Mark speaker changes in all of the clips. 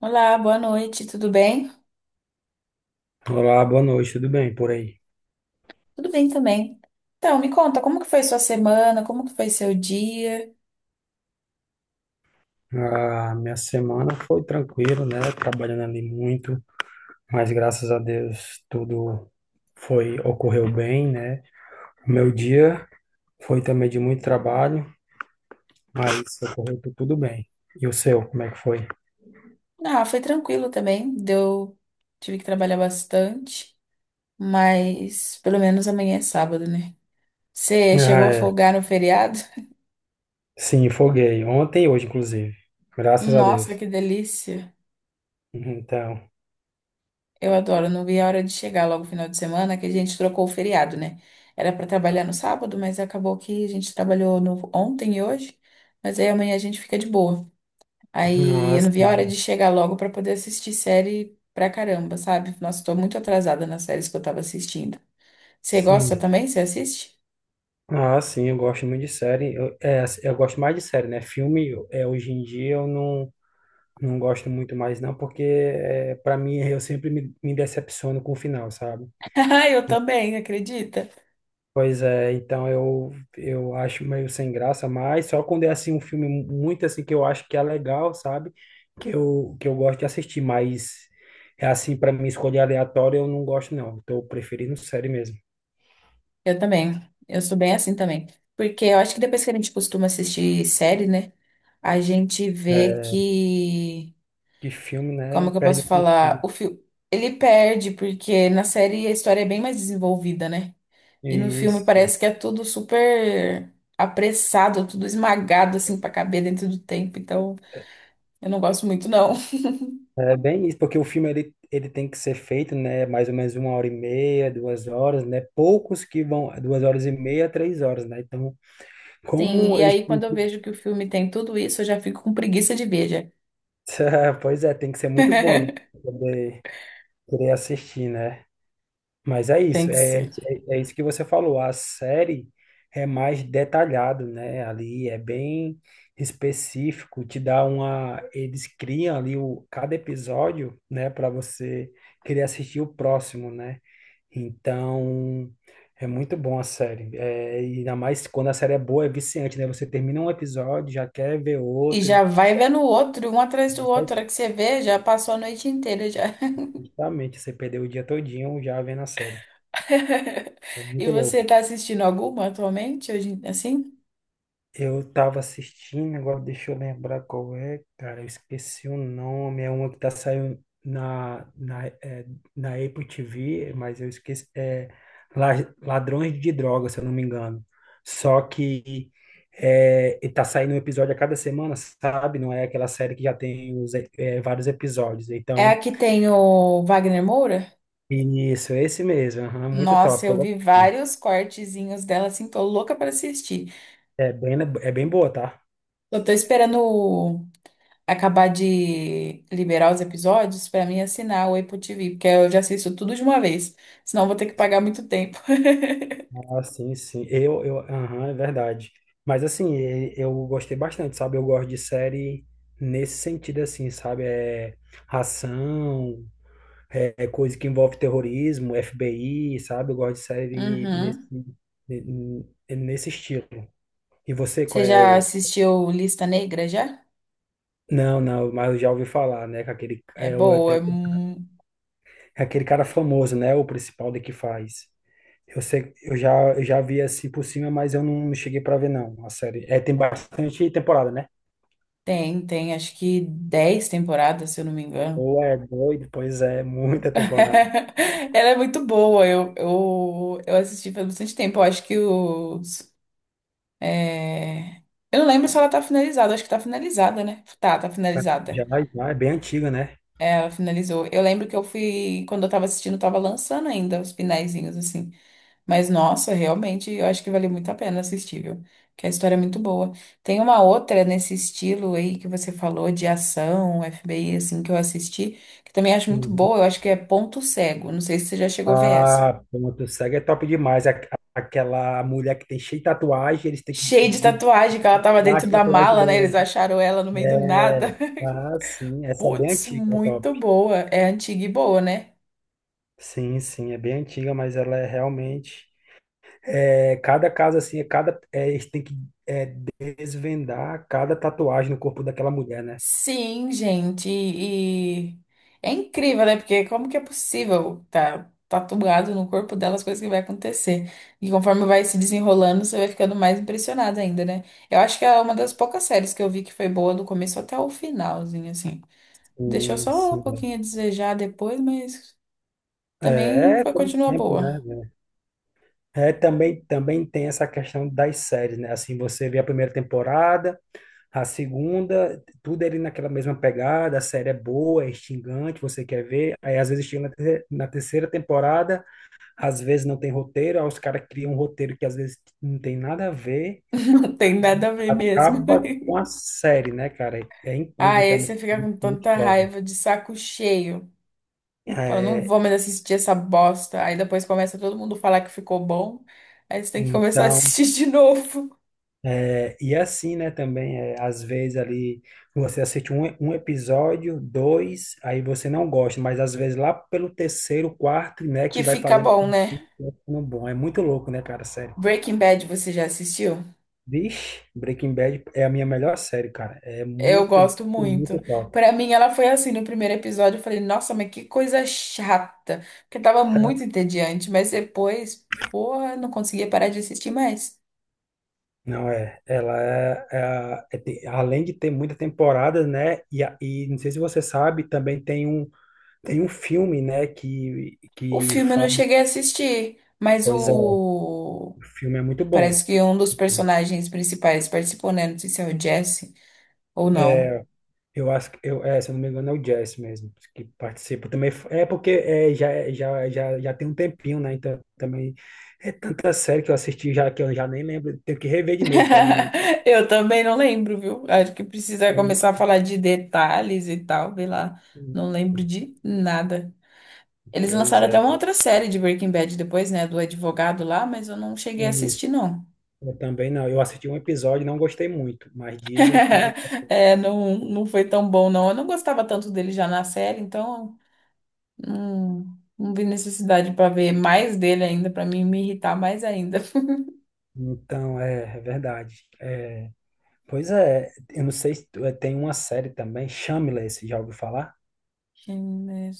Speaker 1: Olá, boa noite, tudo bem?
Speaker 2: Olá, boa noite, tudo bem por aí?
Speaker 1: Tudo bem também. Então, me conta, como que foi sua semana? Como que foi seu dia?
Speaker 2: A minha semana foi tranquila, né? Trabalhando ali muito, mas graças a Deus tudo foi ocorreu bem, né? O meu dia foi também de muito trabalho, mas ocorreu tudo bem. E o seu, como é que foi?
Speaker 1: Ah, foi tranquilo também. Deu, tive que trabalhar bastante, mas pelo menos amanhã é sábado, né? Você
Speaker 2: Ah,
Speaker 1: chegou a
Speaker 2: é.
Speaker 1: folgar no feriado?
Speaker 2: Sim, foguei. Ontem e hoje, inclusive. Graças a Deus.
Speaker 1: Nossa, que delícia!
Speaker 2: Então,
Speaker 1: Eu adoro, não vi a hora de chegar logo no final de semana, que a gente trocou o feriado, né? Era para trabalhar no sábado, mas acabou que a gente trabalhou no ontem e hoje, mas aí amanhã a gente fica de boa. Aí
Speaker 2: ah,
Speaker 1: eu não vi a hora de
Speaker 2: sim.
Speaker 1: chegar logo pra poder assistir série pra caramba, sabe? Nossa, tô muito atrasada nas séries que eu tava assistindo. Você gosta
Speaker 2: Sim.
Speaker 1: também? Você assiste?
Speaker 2: Ah, sim, eu gosto muito de série. Eu gosto mais de série, né? Filme, hoje em dia eu não. Não gosto muito mais, não, porque para mim eu sempre me decepciono com o final, sabe?
Speaker 1: Ah, eu também, acredita?
Speaker 2: Pois é, então eu acho meio sem graça, mas só quando é assim um filme muito assim que eu acho que é legal, sabe? Que eu gosto de assistir, mas é assim, para mim escolher aleatório eu não gosto, não. Tô preferindo série mesmo.
Speaker 1: Eu também. Eu sou bem assim também. Porque eu acho que depois que a gente costuma assistir série, né? A gente vê
Speaker 2: É,
Speaker 1: que.
Speaker 2: que filme,
Speaker 1: Como
Speaker 2: né?
Speaker 1: que eu
Speaker 2: Perde
Speaker 1: posso
Speaker 2: o
Speaker 1: falar?
Speaker 2: sentido.
Speaker 1: O filme. Ele perde, porque na série a história é bem mais desenvolvida, né? E no filme
Speaker 2: Isso.
Speaker 1: parece que é tudo super apressado, tudo esmagado assim pra caber dentro do tempo. Então, eu não gosto muito não.
Speaker 2: É bem isso, porque o filme ele tem que ser feito, né, mais ou menos 1 hora e meia, 2 horas, né, poucos que vão 2 horas e meia, 3 horas, né, então
Speaker 1: Sim,
Speaker 2: como
Speaker 1: e
Speaker 2: eles
Speaker 1: aí
Speaker 2: têm
Speaker 1: quando eu
Speaker 2: que.
Speaker 1: vejo que o filme tem tudo isso, eu já fico com preguiça de ver, já.
Speaker 2: Pois é, tem que ser muito bom, né, pra poder querer assistir, né, mas é
Speaker 1: Tem
Speaker 2: isso,
Speaker 1: que ser.
Speaker 2: é isso que você falou, a série é mais detalhado, né, ali é bem específico, te dá uma. Eles criam ali o, cada episódio, né, para você querer assistir o próximo, né, então, é muito bom a série. É, e ainda mais quando a série é boa, é viciante, né? Você termina um episódio, já quer ver
Speaker 1: E
Speaker 2: outro.
Speaker 1: já vai vendo o outro, um atrás do
Speaker 2: já
Speaker 1: outro. A
Speaker 2: vai-
Speaker 1: hora que você vê, já passou a noite inteira já.
Speaker 2: Justamente, você perdeu o dia todinho já vendo a série. É
Speaker 1: E
Speaker 2: muito
Speaker 1: você
Speaker 2: louco.
Speaker 1: tá assistindo alguma atualmente, hoje, assim?
Speaker 2: Eu tava assistindo, agora deixa eu lembrar qual é, cara, eu esqueci o nome, é uma que tá saindo na Apple TV, mas eu esqueci, La- Ladrões de Drogas, se eu não me engano. Só que e tá saindo um episódio a cada semana, sabe? Não é aquela série que já tem vários episódios.
Speaker 1: É a
Speaker 2: Então,
Speaker 1: que tem o Wagner Moura?
Speaker 2: isso, esse mesmo, aham, muito top,
Speaker 1: Nossa,
Speaker 2: tô
Speaker 1: eu vi
Speaker 2: gostando.
Speaker 1: vários cortezinhos dela, assim, tô louca pra assistir.
Speaker 2: É bem boa, tá?
Speaker 1: Eu tô esperando o acabar de liberar os episódios pra mim é assinar o Apple TV, porque eu já assisto tudo de uma vez, senão eu vou ter que pagar muito tempo.
Speaker 2: Ah, sim, sim. Aham, é verdade. Mas assim, eu gostei bastante, sabe? Eu gosto de série nesse sentido, assim, sabe? É ação, é coisa que envolve terrorismo, FBI, sabe? Eu gosto de série
Speaker 1: Uhum.
Speaker 2: ne- nesse estilo. E você,
Speaker 1: Você
Speaker 2: qual é
Speaker 1: já
Speaker 2: o.
Speaker 1: assistiu Lista Negra já?
Speaker 2: Não, não, mas eu já ouvi falar, né? Que aquele,
Speaker 1: É boa, é... mu-
Speaker 2: é aquele cara famoso, né? O principal de que faz. Eu sei, eu já vi assim por cima, mas eu não cheguei pra ver não, a série. É, tem bastante temporada, né?
Speaker 1: Tem, tem, acho que 10 temporadas, se eu não me engano.
Speaker 2: Ou é doido, pois é, muita temporada.
Speaker 1: Ela é muito boa, eu assisti faz bastante tempo, eu acho que os... é, Eu não lembro se ela tá finalizada, acho que tá finalizada, né? Tá, tá
Speaker 2: Já,
Speaker 1: finalizada.
Speaker 2: já é bem antiga, né?
Speaker 1: Ela finalizou. Eu lembro que eu fui, quando eu tava assistindo, eu tava lançando ainda os finalzinhos, assim. Mas, nossa, realmente, eu acho que valeu muito a pena assistir, viu? Porque a história é muito boa. Tem uma outra nesse estilo aí que você falou de ação, FBI, assim, que eu assisti, que também acho muito
Speaker 2: Uhum.
Speaker 1: boa. Eu acho que é Ponto Cego. Não sei se você já chegou a ver essa.
Speaker 2: Ah, pronto, o SEGA é top demais. Aquela mulher que tem cheio de tatuagem, eles têm que
Speaker 1: Cheia de tatuagem, que ela tava
Speaker 2: dar
Speaker 1: dentro
Speaker 2: as
Speaker 1: da
Speaker 2: tatuagens
Speaker 1: mala, né?
Speaker 2: dela.
Speaker 1: Eles acharam ela no meio do nada.
Speaker 2: Ah, sim, essa é bem
Speaker 1: Putz,
Speaker 2: antiga, é
Speaker 1: muito
Speaker 2: top.
Speaker 1: boa. É antiga e boa, né?
Speaker 2: Sim, sim, é bem antiga, mas ela é realmente. Cada caso, assim, é cada. Eles têm que desvendar cada tatuagem no corpo daquela mulher, né?
Speaker 1: Sim, gente, e é incrível, né? Porque como que é possível tá tatuado no corpo dela as coisas que vai acontecer? E conforme vai se desenrolando, você vai ficando mais impressionado ainda, né? Eu acho que é uma das poucas séries que eu vi que foi boa do começo até o finalzinho, assim. Deixou
Speaker 2: Sim,
Speaker 1: só um
Speaker 2: sim.
Speaker 1: pouquinho a desejar depois, mas também foi,
Speaker 2: Como
Speaker 1: continua
Speaker 2: sempre,
Speaker 1: boa.
Speaker 2: né? É, também tem essa questão das séries, né? Assim, você vê a primeira temporada, a segunda, tudo ali naquela mesma pegada, a série é boa, é instigante, você quer ver. Aí, às vezes, chega na terceira temporada, às vezes não tem roteiro, aí os caras criam um roteiro que às vezes não tem nada a ver,
Speaker 1: Não tem nada a ver mesmo.
Speaker 2: acaba com a série, né, cara? É
Speaker 1: Ah,
Speaker 2: incrível também.
Speaker 1: esse
Speaker 2: É
Speaker 1: fica com
Speaker 2: incrível que
Speaker 1: tanta
Speaker 2: prova.
Speaker 1: raiva de saco cheio. Fala, não
Speaker 2: É,
Speaker 1: vou mais assistir essa bosta. Aí depois começa todo mundo falar que ficou bom. Aí você tem que começar a
Speaker 2: Então,
Speaker 1: assistir de novo.
Speaker 2: e assim, né, também, é, às vezes ali você assiste um episódio, dois, aí você não gosta, mas às vezes lá pelo terceiro, quarto, né,
Speaker 1: Que
Speaker 2: que vai
Speaker 1: fica
Speaker 2: fazendo
Speaker 1: bom,
Speaker 2: com
Speaker 1: né?
Speaker 2: que vai ficando bom. É muito louco, né, cara, sério.
Speaker 1: Breaking Bad, você já assistiu?
Speaker 2: Vixe, Breaking Bad é a minha melhor série, cara. É
Speaker 1: Eu
Speaker 2: muito,
Speaker 1: gosto
Speaker 2: muito
Speaker 1: muito.
Speaker 2: top.
Speaker 1: Pra mim, ela foi assim no primeiro episódio. Eu falei, nossa, mas que coisa chata. Porque tava muito entediante. Mas depois, porra, não conseguia parar de assistir mais.
Speaker 2: Não é, ela é, é a- é te- além de ter muita temporada, né, e não sei se você sabe, também tem um filme, né, que,
Speaker 1: O
Speaker 2: que
Speaker 1: filme eu não
Speaker 2: fala,
Speaker 1: cheguei a assistir. Mas
Speaker 2: pois é. O
Speaker 1: o.
Speaker 2: filme é muito bom.
Speaker 1: Parece que um dos personagens principais participou, né? Não sei se é o Jesse ou não.
Speaker 2: É, eu acho que, se eu não me engano, é o Jess mesmo que participa também. É porque já tem um tempinho, né? Então também é tanta série que eu assisti já que eu já nem lembro. Tenho que rever de novo para mim.
Speaker 1: Eu também não lembro, viu? Acho que precisa
Speaker 2: pra mim-
Speaker 1: começar a falar de detalhes e tal, sei lá. Não lembro de nada. Eles
Speaker 2: Pois
Speaker 1: lançaram até
Speaker 2: é.
Speaker 1: uma outra série de Breaking Bad depois, né? Do advogado lá, mas eu não cheguei a
Speaker 2: Isso.
Speaker 1: assistir, não.
Speaker 2: Eu também não. Eu assisti um episódio e não gostei muito, mas dizem que.
Speaker 1: É, não, não foi tão bom, não. Eu não gostava tanto dele já na série, então não, não vi necessidade pra ver mais dele ainda, pra mim me irritar mais ainda.
Speaker 2: Então, é verdade. Pois é, eu não sei se tem uma série também, Shameless, já ouviu falar?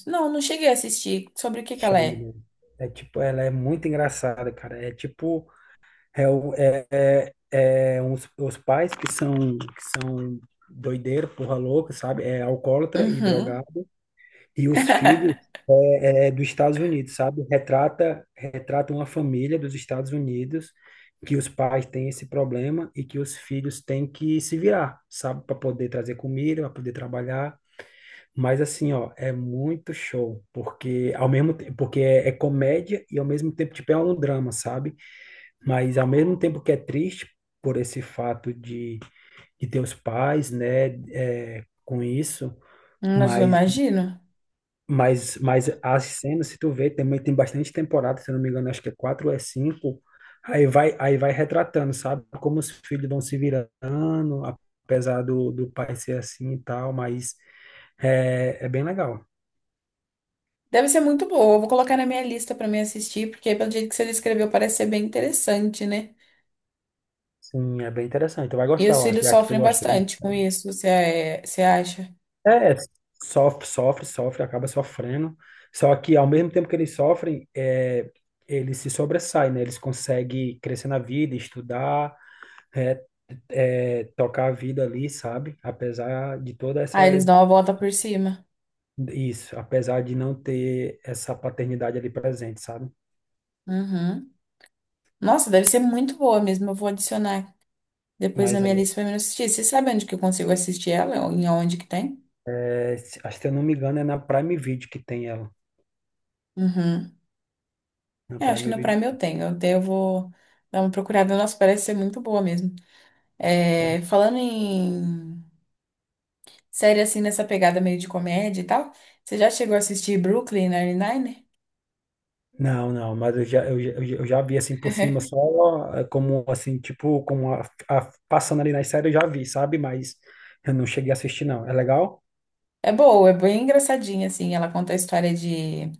Speaker 1: Não, não cheguei a assistir. Sobre o que que ela
Speaker 2: Chama,
Speaker 1: é?
Speaker 2: né? É tipo, ela é muito engraçada, cara. É tipo, é, o- é, os pais que são doideiro, porra louca, sabe? É alcoólatra e
Speaker 1: Uhum.
Speaker 2: drogado. E os filhos é dos Estados Unidos, sabe? Retrata uma família dos Estados Unidos que os pais têm esse problema e que os filhos têm que se virar, sabe? Para poder trazer comida, para poder trabalhar. Mas assim, ó, é muito show, porque ao mesmo tempo, porque é comédia e ao mesmo tempo tipo é um drama, sabe? Mas ao mesmo tempo que é triste por esse fato de ter os pais, né, com isso,
Speaker 1: Nossa, eu
Speaker 2: mas,
Speaker 1: imagino.
Speaker 2: mas as cenas, se tu vê, também tem bastante temporada, se eu não me engano, acho que é quatro ou é cinco, aí vai retratando, sabe? Como os filhos vão se virando, apesar do pai ser assim e tal, mas é bem legal.
Speaker 1: Deve ser muito boa. Eu vou colocar na minha lista pra me assistir, porque pelo jeito que você descreveu, parece ser bem interessante, né?
Speaker 2: Sim, é bem interessante. Tu vai
Speaker 1: E
Speaker 2: gostar,
Speaker 1: os
Speaker 2: eu acho,
Speaker 1: filhos
Speaker 2: já que tu
Speaker 1: sofrem
Speaker 2: gosta.
Speaker 1: bastante com isso, você, é- Você acha?
Speaker 2: É, sofre, sofre, sofre, acaba sofrendo. Só que ao mesmo tempo que eles sofrem, eles se sobressaem, né? Eles conseguem crescer na vida, estudar, é, tocar a vida ali, sabe? Apesar de toda essa.
Speaker 1: Ah, eles dão a volta por cima.
Speaker 2: Isso, apesar de não ter essa paternidade ali presente, sabe?
Speaker 1: Uhum. Nossa, deve ser muito boa mesmo. Eu vou adicionar depois na
Speaker 2: Mas,
Speaker 1: minha lista pra me assistir. Você sabe onde que eu consigo assistir ela? Em onde que tem?
Speaker 2: acho que se eu não me engano, é na Prime Video que tem ela.
Speaker 1: Uhum.
Speaker 2: Na
Speaker 1: Eu acho que
Speaker 2: Prime
Speaker 1: no
Speaker 2: Video.
Speaker 1: Prime eu tenho. Até eu vou dar uma procurada. Nossa, parece ser muito boa mesmo. É, falando em série assim nessa pegada meio de comédia e tal. Você já chegou a assistir Brooklyn Nine-Nine?
Speaker 2: Não, não, mas eu já vi assim por cima, só como assim, tipo, passando ali nas séries eu já vi, sabe? Mas eu não cheguei a assistir, não. É legal?
Speaker 1: É boa, é bem engraçadinha, assim. Ela conta a história de.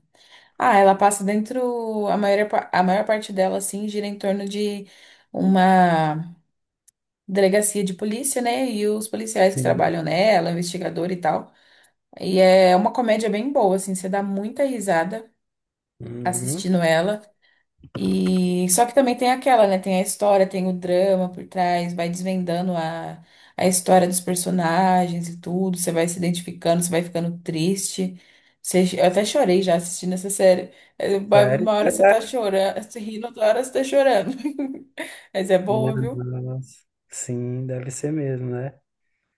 Speaker 1: Ah, ela passa dentro. A maior, a maior parte dela, assim, gira em torno de uma delegacia de polícia, né? E os policiais que
Speaker 2: Sim.
Speaker 1: trabalham nela, investigador e tal. E é uma comédia bem boa, assim. Você dá muita risada
Speaker 2: Uhum.
Speaker 1: assistindo ela. E só que também tem aquela, né? Tem a história, tem o drama por trás, vai desvendando a história dos personagens e tudo. Você vai se identificando, você vai ficando triste. Eu até chorei já assistindo essa série. É, Uma
Speaker 2: Sério?
Speaker 1: uma hora você tá
Speaker 2: É.
Speaker 1: chorando, você rindo, outra hora você tá chorando. Mas é
Speaker 2: Né?
Speaker 1: boa, viu?
Speaker 2: Nossa. Sim, deve ser mesmo, né?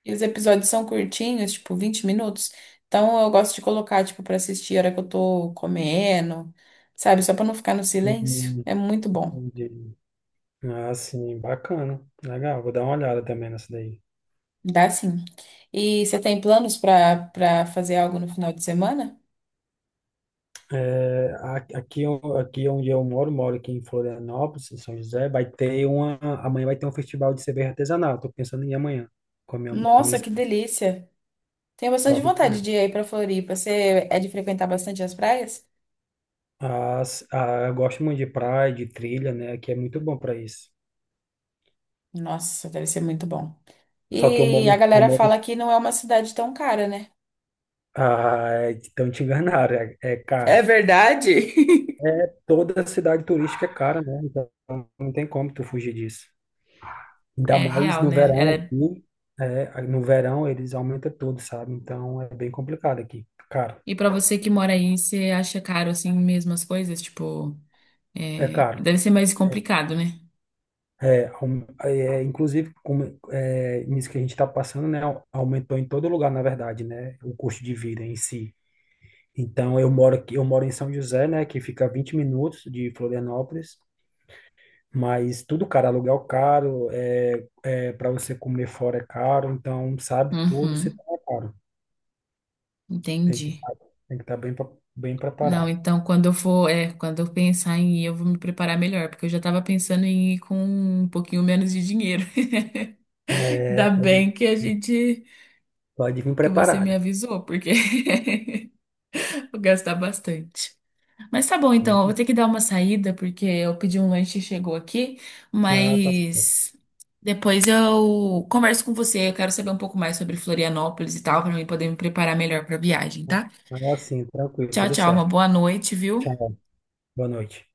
Speaker 1: E os episódios são curtinhos, tipo 20 minutos. Então eu gosto de colocar, tipo, pra assistir a hora que eu tô comendo, sabe? Só pra não ficar no silêncio.
Speaker 2: Hum,
Speaker 1: É muito bom.
Speaker 2: entendi. Ah, sim, bacana. Legal, vou dar uma olhada também nessa daí.
Speaker 1: Dá sim. E você tem planos para fazer algo no final de semana?
Speaker 2: Aqui onde eu moro, aqui em Florianópolis, em São José, amanhã vai ter um festival de cerveja artesanal, estou pensando em ir amanhã, com a minha
Speaker 1: Nossa, que
Speaker 2: esposa.
Speaker 1: delícia! Tenho bastante
Speaker 2: Top.
Speaker 1: vontade de ir aí para Floripa. Você é de frequentar bastante as praias?
Speaker 2: Eu gosto muito de praia, de trilha, né, que é muito bom para isso.
Speaker 1: Nossa, deve ser muito bom.
Speaker 2: Só que
Speaker 1: E a galera fala que não é uma cidade tão cara, né?
Speaker 2: ah, então te enganaram, é
Speaker 1: É
Speaker 2: cara.
Speaker 1: verdade?
Speaker 2: É, toda cidade turística é cara, né, então não tem como tu fugir disso. Ainda
Speaker 1: É
Speaker 2: mais
Speaker 1: real,
Speaker 2: no
Speaker 1: né?
Speaker 2: verão
Speaker 1: Ela é-
Speaker 2: aqui, no verão eles aumentam tudo, sabe? Então é bem complicado aqui. Caro,
Speaker 1: E pra você que mora aí, você acha caro assim mesmo as coisas? Tipo,
Speaker 2: é
Speaker 1: é,
Speaker 2: caro.
Speaker 1: deve ser mais
Speaker 2: É,
Speaker 1: complicado, né?
Speaker 2: é, aum- é, inclusive, nisso que a gente está passando, né? Aumentou em todo lugar, na verdade, né? O custo de vida em si. Então eu moro em São José, né? Que fica 20 minutos de Florianópolis, mas tudo caro, aluguel caro, para você comer fora é caro, então sabe, tudo se
Speaker 1: Uhum,
Speaker 2: torna caro. Tem que
Speaker 1: entendi.
Speaker 2: estar tem que estar bem, bem
Speaker 1: Não,
Speaker 2: preparado.
Speaker 1: então quando eu for, é, quando eu pensar em ir, eu vou me preparar melhor, porque eu já tava pensando em ir com um pouquinho menos de dinheiro.
Speaker 2: É,
Speaker 1: Ainda bem
Speaker 2: pode,
Speaker 1: que a gente,
Speaker 2: pode vir
Speaker 1: que você me
Speaker 2: preparada.
Speaker 1: avisou, porque vou gastar bastante. Mas tá bom, então, eu vou
Speaker 2: Né?
Speaker 1: ter que dar uma saída, porque eu pedi um lanche e chegou aqui,
Speaker 2: Ah, tá certo.
Speaker 1: mas depois eu converso com você, eu quero saber um pouco mais sobre Florianópolis e tal, pra mim poder me preparar melhor pra viagem, tá?
Speaker 2: Ah, sim, tranquilo,
Speaker 1: Tchau,
Speaker 2: tudo
Speaker 1: tchau, uma
Speaker 2: certo.
Speaker 1: boa noite, viu?
Speaker 2: Tchau, boa noite.